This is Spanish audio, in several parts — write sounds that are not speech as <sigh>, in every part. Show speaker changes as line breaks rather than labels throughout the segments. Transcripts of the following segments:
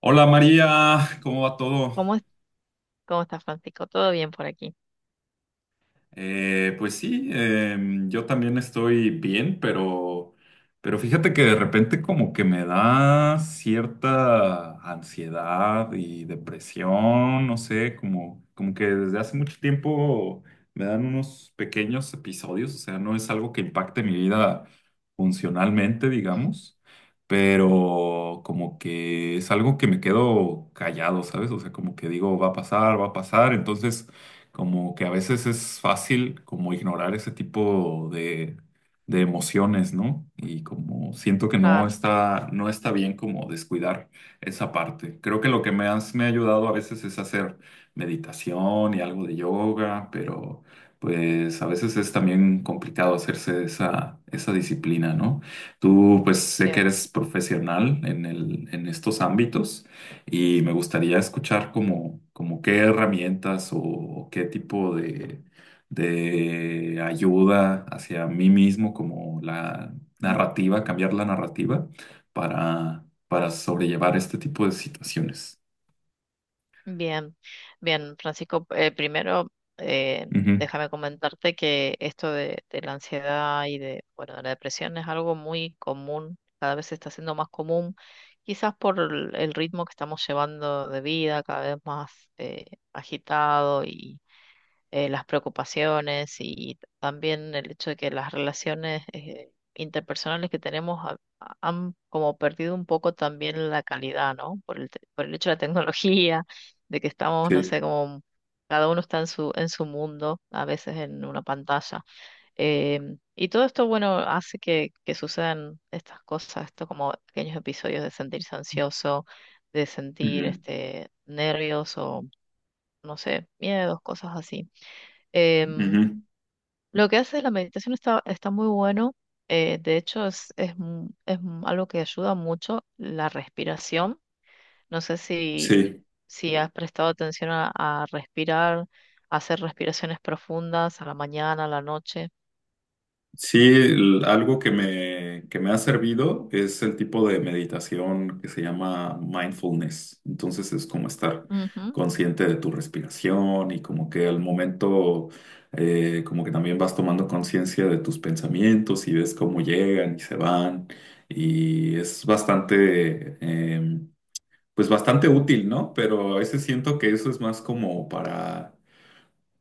Hola María, ¿cómo va todo?
¿Cómo, es- ¿Cómo estás, Francisco? ¿Todo bien por aquí?
Pues sí, yo también estoy bien, pero fíjate que de repente como que me da cierta ansiedad y depresión, no sé, como que desde hace mucho tiempo me dan unos pequeños episodios. O sea, no es algo que impacte mi vida funcionalmente,
Mm.
digamos, pero como que es algo que me quedo callado, ¿sabes? O sea, como que digo, va a pasar, va a pasar. Entonces como que a veces es fácil como ignorar ese tipo de, emociones, ¿no? Y como siento que no
Claro.
está, no está bien como descuidar esa parte. Creo que lo que me ha ayudado a veces es hacer meditación y algo de yoga, pero pues a veces es también complicado hacerse esa disciplina, ¿no? Tú pues sé que
Cierto.
eres profesional en estos ámbitos. Y me gustaría escuchar como qué herramientas o qué tipo de, ayuda hacia mí mismo, como la
Mm.
narrativa, cambiar la narrativa para
Claro.
sobrellevar este tipo de situaciones.
Bien, bien, Francisco. Primero, eh,
Ujú.
déjame comentarte que esto de la ansiedad y de, bueno, de la depresión es algo muy común, cada vez se está haciendo más común, quizás por el ritmo que estamos llevando de vida, cada vez más eh, agitado y las preocupaciones y también el hecho de que las relaciones interpersonales que tenemos han como perdido un poco también la calidad, ¿no? Por el hecho de la tecnología, de que estamos, no
Sí.
sé, como cada uno está en su mundo, a veces en una pantalla. Y todo esto, bueno, hace que sucedan estas cosas, esto como pequeños episodios de sentirse ansioso, de sentir
Ujú,
este, nervios o, no sé, miedos, cosas así. Em,
ujú.
lo que hace la meditación está, está muy bueno. De hecho, algo que ayuda mucho la respiración. No sé
Sí.
si has prestado atención a respirar, a hacer respiraciones profundas a la mañana, a la noche.
Sí, algo que me ha servido es el tipo de meditación que se llama mindfulness. Entonces es como estar
Ujú.
consciente de tu respiración y como que al momento, como que también vas tomando conciencia de tus pensamientos y ves cómo llegan y se van. Y es bastante, pues bastante útil, ¿no? Pero a veces siento que eso es más como para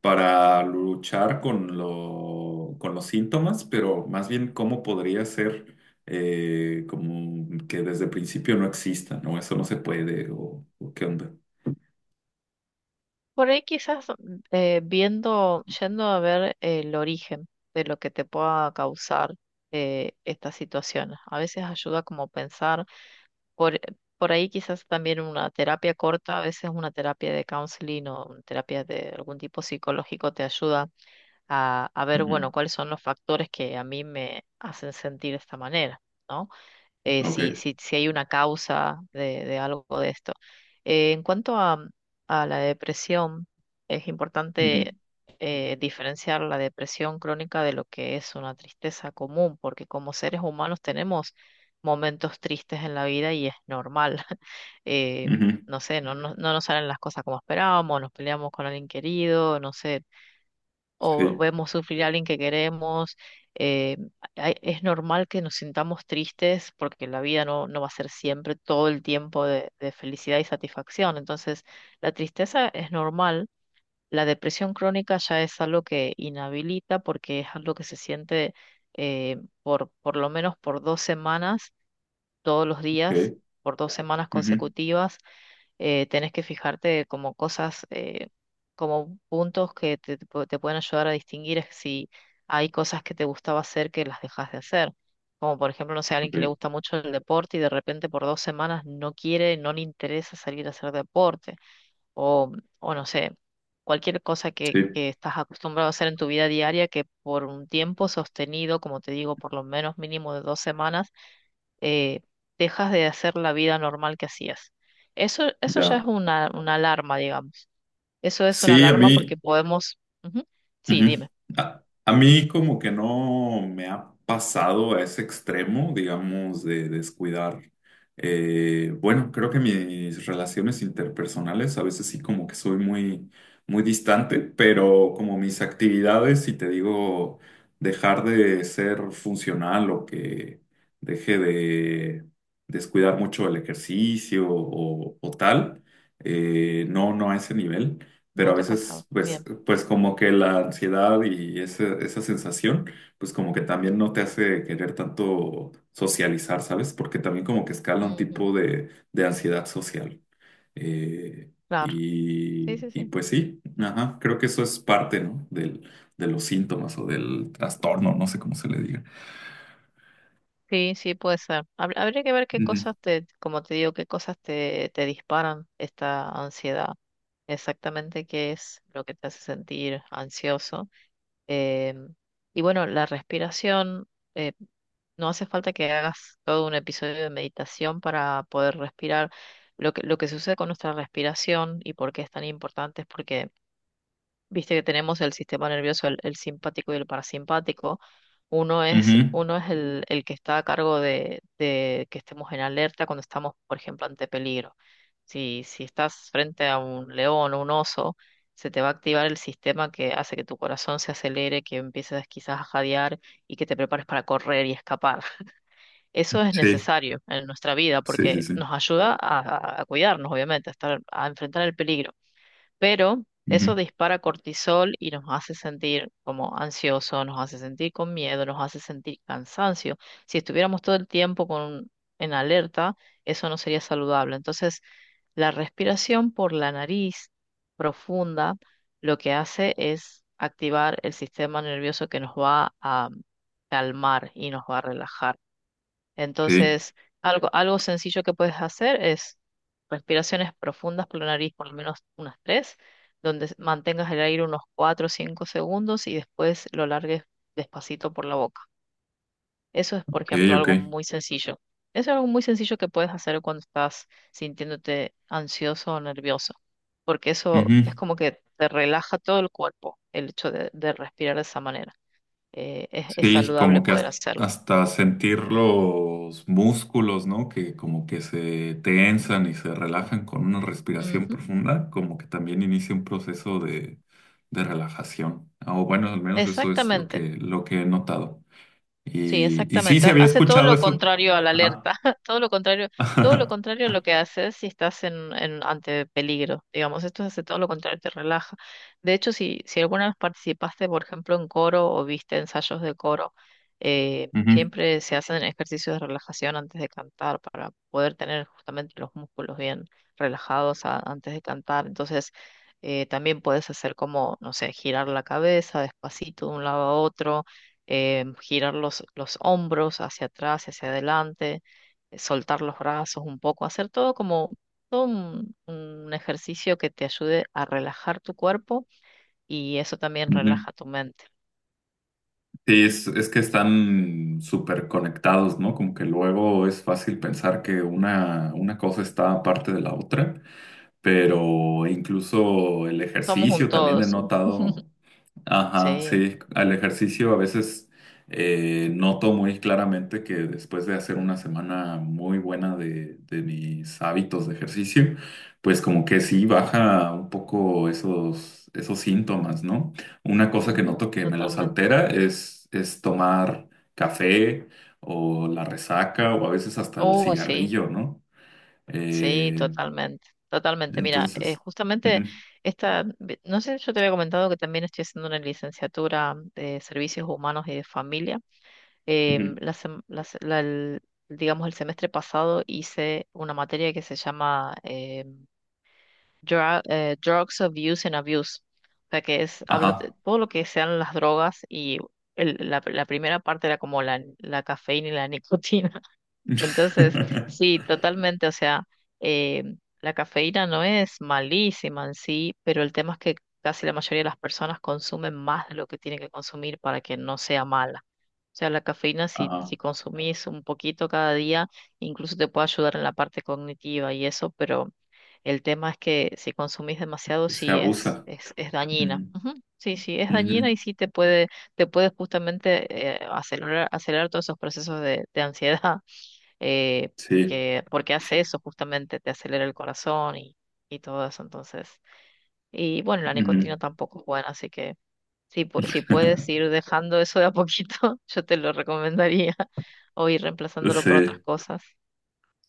luchar con con los síntomas, pero más bien cómo podría ser, como que desde el principio no exista, ¿no? Eso no se puede, o qué onda.
Por ahí quizás eh, yendo a ver el origen de lo que te pueda causar estas situaciones. A veces ayuda como pensar. Por, por ahí quizás también una terapia corta, a veces una terapia de counseling o una terapia de algún tipo psicológico te ayuda a ver,
Ujú.
bueno, cuáles son los factores que a mí me hacen sentir de esta manera, ¿no? Si,
Ok.
si hay una causa de algo de esto. En cuanto a la depresión, es
Ujú,
importante diferenciar la depresión crónica de lo que es una tristeza común, porque como seres humanos tenemos momentos tristes en la vida y es normal. <laughs> Eh,
ujú.
no sé, no nos salen las cosas como esperábamos, nos peleamos con alguien querido, no sé, o
Sí,
vemos sufrir a alguien que queremos. eh, es normal que nos sintamos tristes porque la vida no va a ser siempre todo el tiempo de felicidad y satisfacción. Entonces, la tristeza es normal. La depresión crónica ya es algo que inhabilita porque es algo que se siente eh, por lo menos por dos semanas, todos los días,
ok.
por dos semanas
Ujú,
consecutivas. Tenés que fijarte como cosas, como puntos que te pu- te pueden ayudar a distinguir es si hay cosas que te gustaba hacer que las dejas de hacer. Como por ejemplo, no sé, alguien que le
ok.
gusta mucho el deporte y de repente por dos semanas no quiere, no le interesa salir a hacer deporte. O, o no sé, cualquier cosa
Sí,
que estás acostumbrado a hacer en tu vida diaria que por un tiempo sostenido, como te digo, por lo menos mínimo de dos semanas, eh, dejas de hacer la vida normal que hacías. Eso ya es
ya.
una alarma, digamos. Eso es una
Sí, a
alarma porque
mí.
podemos... Ujú. Sí,
Ujú.
dime.
A mí como que no me ha pasado a ese extremo, digamos, de descuidar. Bueno, creo que mis relaciones interpersonales a veces sí como que soy muy, muy distante, pero como mis actividades, si te digo, dejar de ser funcional o que deje de descuidar mucho el ejercicio o tal, no, no a ese nivel, pero
No
a
te ha
veces,
pasado.
pues,
Bien.
pues como que la ansiedad y esa sensación, pues como que también no te hace querer tanto socializar, ¿sabes? Porque también como que escala un
Ujú.
tipo de, ansiedad social. Eh,
Claro. Sí, sí,
y
sí.
pues sí, ajá, creo que eso es parte, ¿no? De los síntomas o del trastorno, no sé cómo se le diga.
Sí, sí, puede ser. Habría que ver qué
Ujú,
cosas te, como te digo, qué cosas te disparan esta ansiedad. Exactamente qué es lo que te hace sentir ansioso. Em, y bueno, la respiración. eh, No hace falta que hagas todo un episodio de meditación para poder respirar. Lo que sucede con nuestra respiración y por qué es tan importante es porque viste que tenemos el sistema nervioso, el simpático y el parasimpático.
ujú.
Uno es el que está a cargo de que estemos en alerta cuando estamos, por ejemplo, ante peligro. Si estás frente a un león o un oso, se te va a activar el sistema que hace que tu corazón se acelere, que empieces quizás a jadear y que te prepares para correr y escapar. Eso es
Sí,
necesario en nuestra vida
sí, sí,
porque
sí.
nos ayuda a cuidarnos, obviamente, a estar, a enfrentar el peligro. Pero eso
Ujú.
dispara cortisol y nos hace sentir como ansioso, nos hace sentir con miedo, nos hace sentir cansancio. Si estuviéramos todo el tiempo con, en alerta, eso no sería saludable. Entonces, la respiración por la nariz profunda lo que hace es activar el sistema nervioso que nos va a calmar y nos va a relajar.
Sí,
Entonces, algo sencillo que puedes hacer es respiraciones profundas por la nariz, por lo menos unas tres, donde mantengas el aire unos cuatro o cinco segundos y después lo largues despacito por la boca. Eso es, por
ok,
ejemplo,
ok.
algo muy sencillo. Eso es algo muy sencillo que puedes hacer cuando estás sintiéndote ansioso o nervioso, porque eso es
Ujú.
como que te relaja todo el cuerpo, el hecho de respirar de esa manera. Es
Sí,
saludable
como que
poder hacerlo.
hasta sentir los músculos, ¿no? Que como que se tensan y se relajan con una respiración
Ujú.
profunda, como que también inicia un proceso de, relajación. Ah, o bueno, al menos eso es lo
Exactamente.
que, he notado.
Sí,
Y sí,
exactamente.
sí había
Hace todo
escuchado
lo
eso.
contrario a la
Ajá.
alerta, <laughs> todo lo contrario, todo lo
<laughs>
contrario a lo que haces si estás en ante peligro. Digamos, esto hace todo lo contrario, te relaja. De hecho, si alguna vez participaste, por ejemplo, en coro o viste ensayos de coro,
Ujú,
siempre se hacen ejercicios de relajación antes de cantar para poder tener justamente los músculos bien relajados antes de cantar. Entonces, también puedes hacer como, no sé, girar la cabeza despacito de un lado a otro, girar los hombros hacia atrás, hacia adelante, soltar los brazos un poco, hacer todo como todo un ejercicio que te ayude a relajar tu cuerpo y eso también
ujú.
relaja tu mente.
Sí, es que están súper conectados, ¿no? Como que luego es fácil pensar que una cosa está aparte de la otra, pero incluso el
Somos un
ejercicio
todo,
también he
sí.
notado,
<laughs>
ajá,
Sí,
sí, al ejercicio a veces, noto muy claramente que después de hacer una semana muy buena de, mis hábitos de ejercicio, pues como que sí baja un poco esos síntomas, ¿no? Una cosa que noto
ujú,
que me los
totalmente.
altera es tomar café o la resaca o a veces hasta el
Uy, sí,
cigarrillo, ¿no?
sí,
Eh,
totalmente, totalmente. Mira,
entonces.
justamente
Ujú.
no sé, yo te había comentado que también estoy haciendo una licenciatura de servicios humanos y de familia. Em,
Ujú.
la sem- la se- la- el- digamos, el semestre pasado hice una materia que se llama Drugs Abuse and Abuse, o sea, que habla de
Ajá.
todo lo que sean las drogas y la primera parte era como la cafeína y la <laughs> nicotina. Entonces, sí,
<laughs>
totalmente, o sea, eh, la cafeína no es malísima en sí, pero el tema es que casi la mayoría de las personas consumen más de lo que tienen que consumir para que no sea mala. O sea, la cafeína,
Ajá.
si consumís un poquito cada día, incluso te puede ayudar en la parte cognitiva y eso, pero el tema es que si consumís demasiado,
Se
sí
abusa.
es dañina.
Mm.
Ujú. Sí, sí, es dañina y
Ujú.
sí te puede justamente acelerar todos esos procesos de ansiedad eh,
Sí.
porque hace eso justamente, te acelera el corazón y todo eso, entonces, y bueno, la
Ujú.
nicotina tampoco es buena, así que si puedes
<laughs>
ir dejando eso de a poquito, <laughs> yo te lo recomendaría, <laughs> o ir reemplazándolo por otras
Sí.
cosas.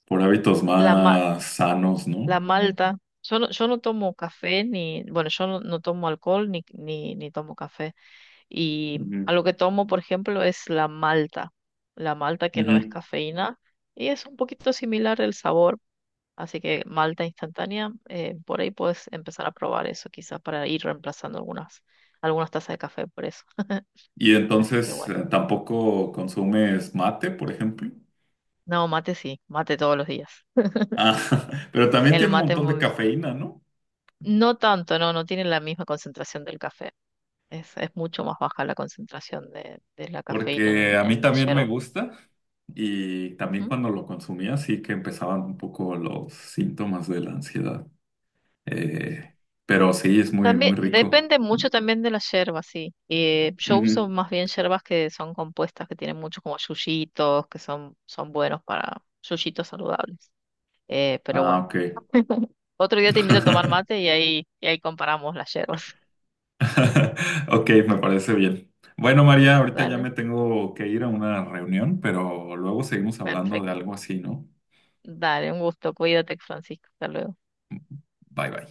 Por hábitos
La, ma-
más sanos, ¿no?
la malta, yo no tomo café, ni, bueno, yo no, no tomo alcohol, ni tomo café, y
Ujú.
algo que tomo, por ejemplo, es la malta que no es
Ujú.
cafeína, y es un poquito similar el sabor. Así que malta instantánea, por ahí puedes empezar a probar eso, quizás para ir reemplazando algunas tazas de café por eso.
Y
Así que
entonces,
bueno,
¿tampoco consumes mate, por ejemplo?
no, mate sí, mate todos los días.
Ah, <laughs> pero también
El
tiene un
mate
montón de
muy,
cafeína, ¿no?
no tanto, no tiene la misma concentración del café. Es mucho más baja la concentración de la cafeína en,
Porque a mí
en la
también me
yerba.
gusta y también
Ujú.
cuando lo consumía sí que empezaban un poco los síntomas de la ansiedad. Eh, pero sí, es muy,
También
muy rico.
depende mucho también de la yerba, sí. Yo uso
Ujú.
más bien yerbas que son compuestas, que tienen mucho como yuyitos, que son buenos para yuyitos saludables. Pero
Ah,
bueno,
ok.
<laughs> otro día te invito a tomar
<laughs>
mate y ahí comparamos las yerbas. <laughs>
Ok, me parece bien. Bueno, María, ahorita ya
Dale,
me tengo que ir a una reunión, pero luego seguimos hablando de
perfecto.
algo así, ¿no?
Dale, un gusto. Cuídate, Francisco. Hasta luego.
Bye bye.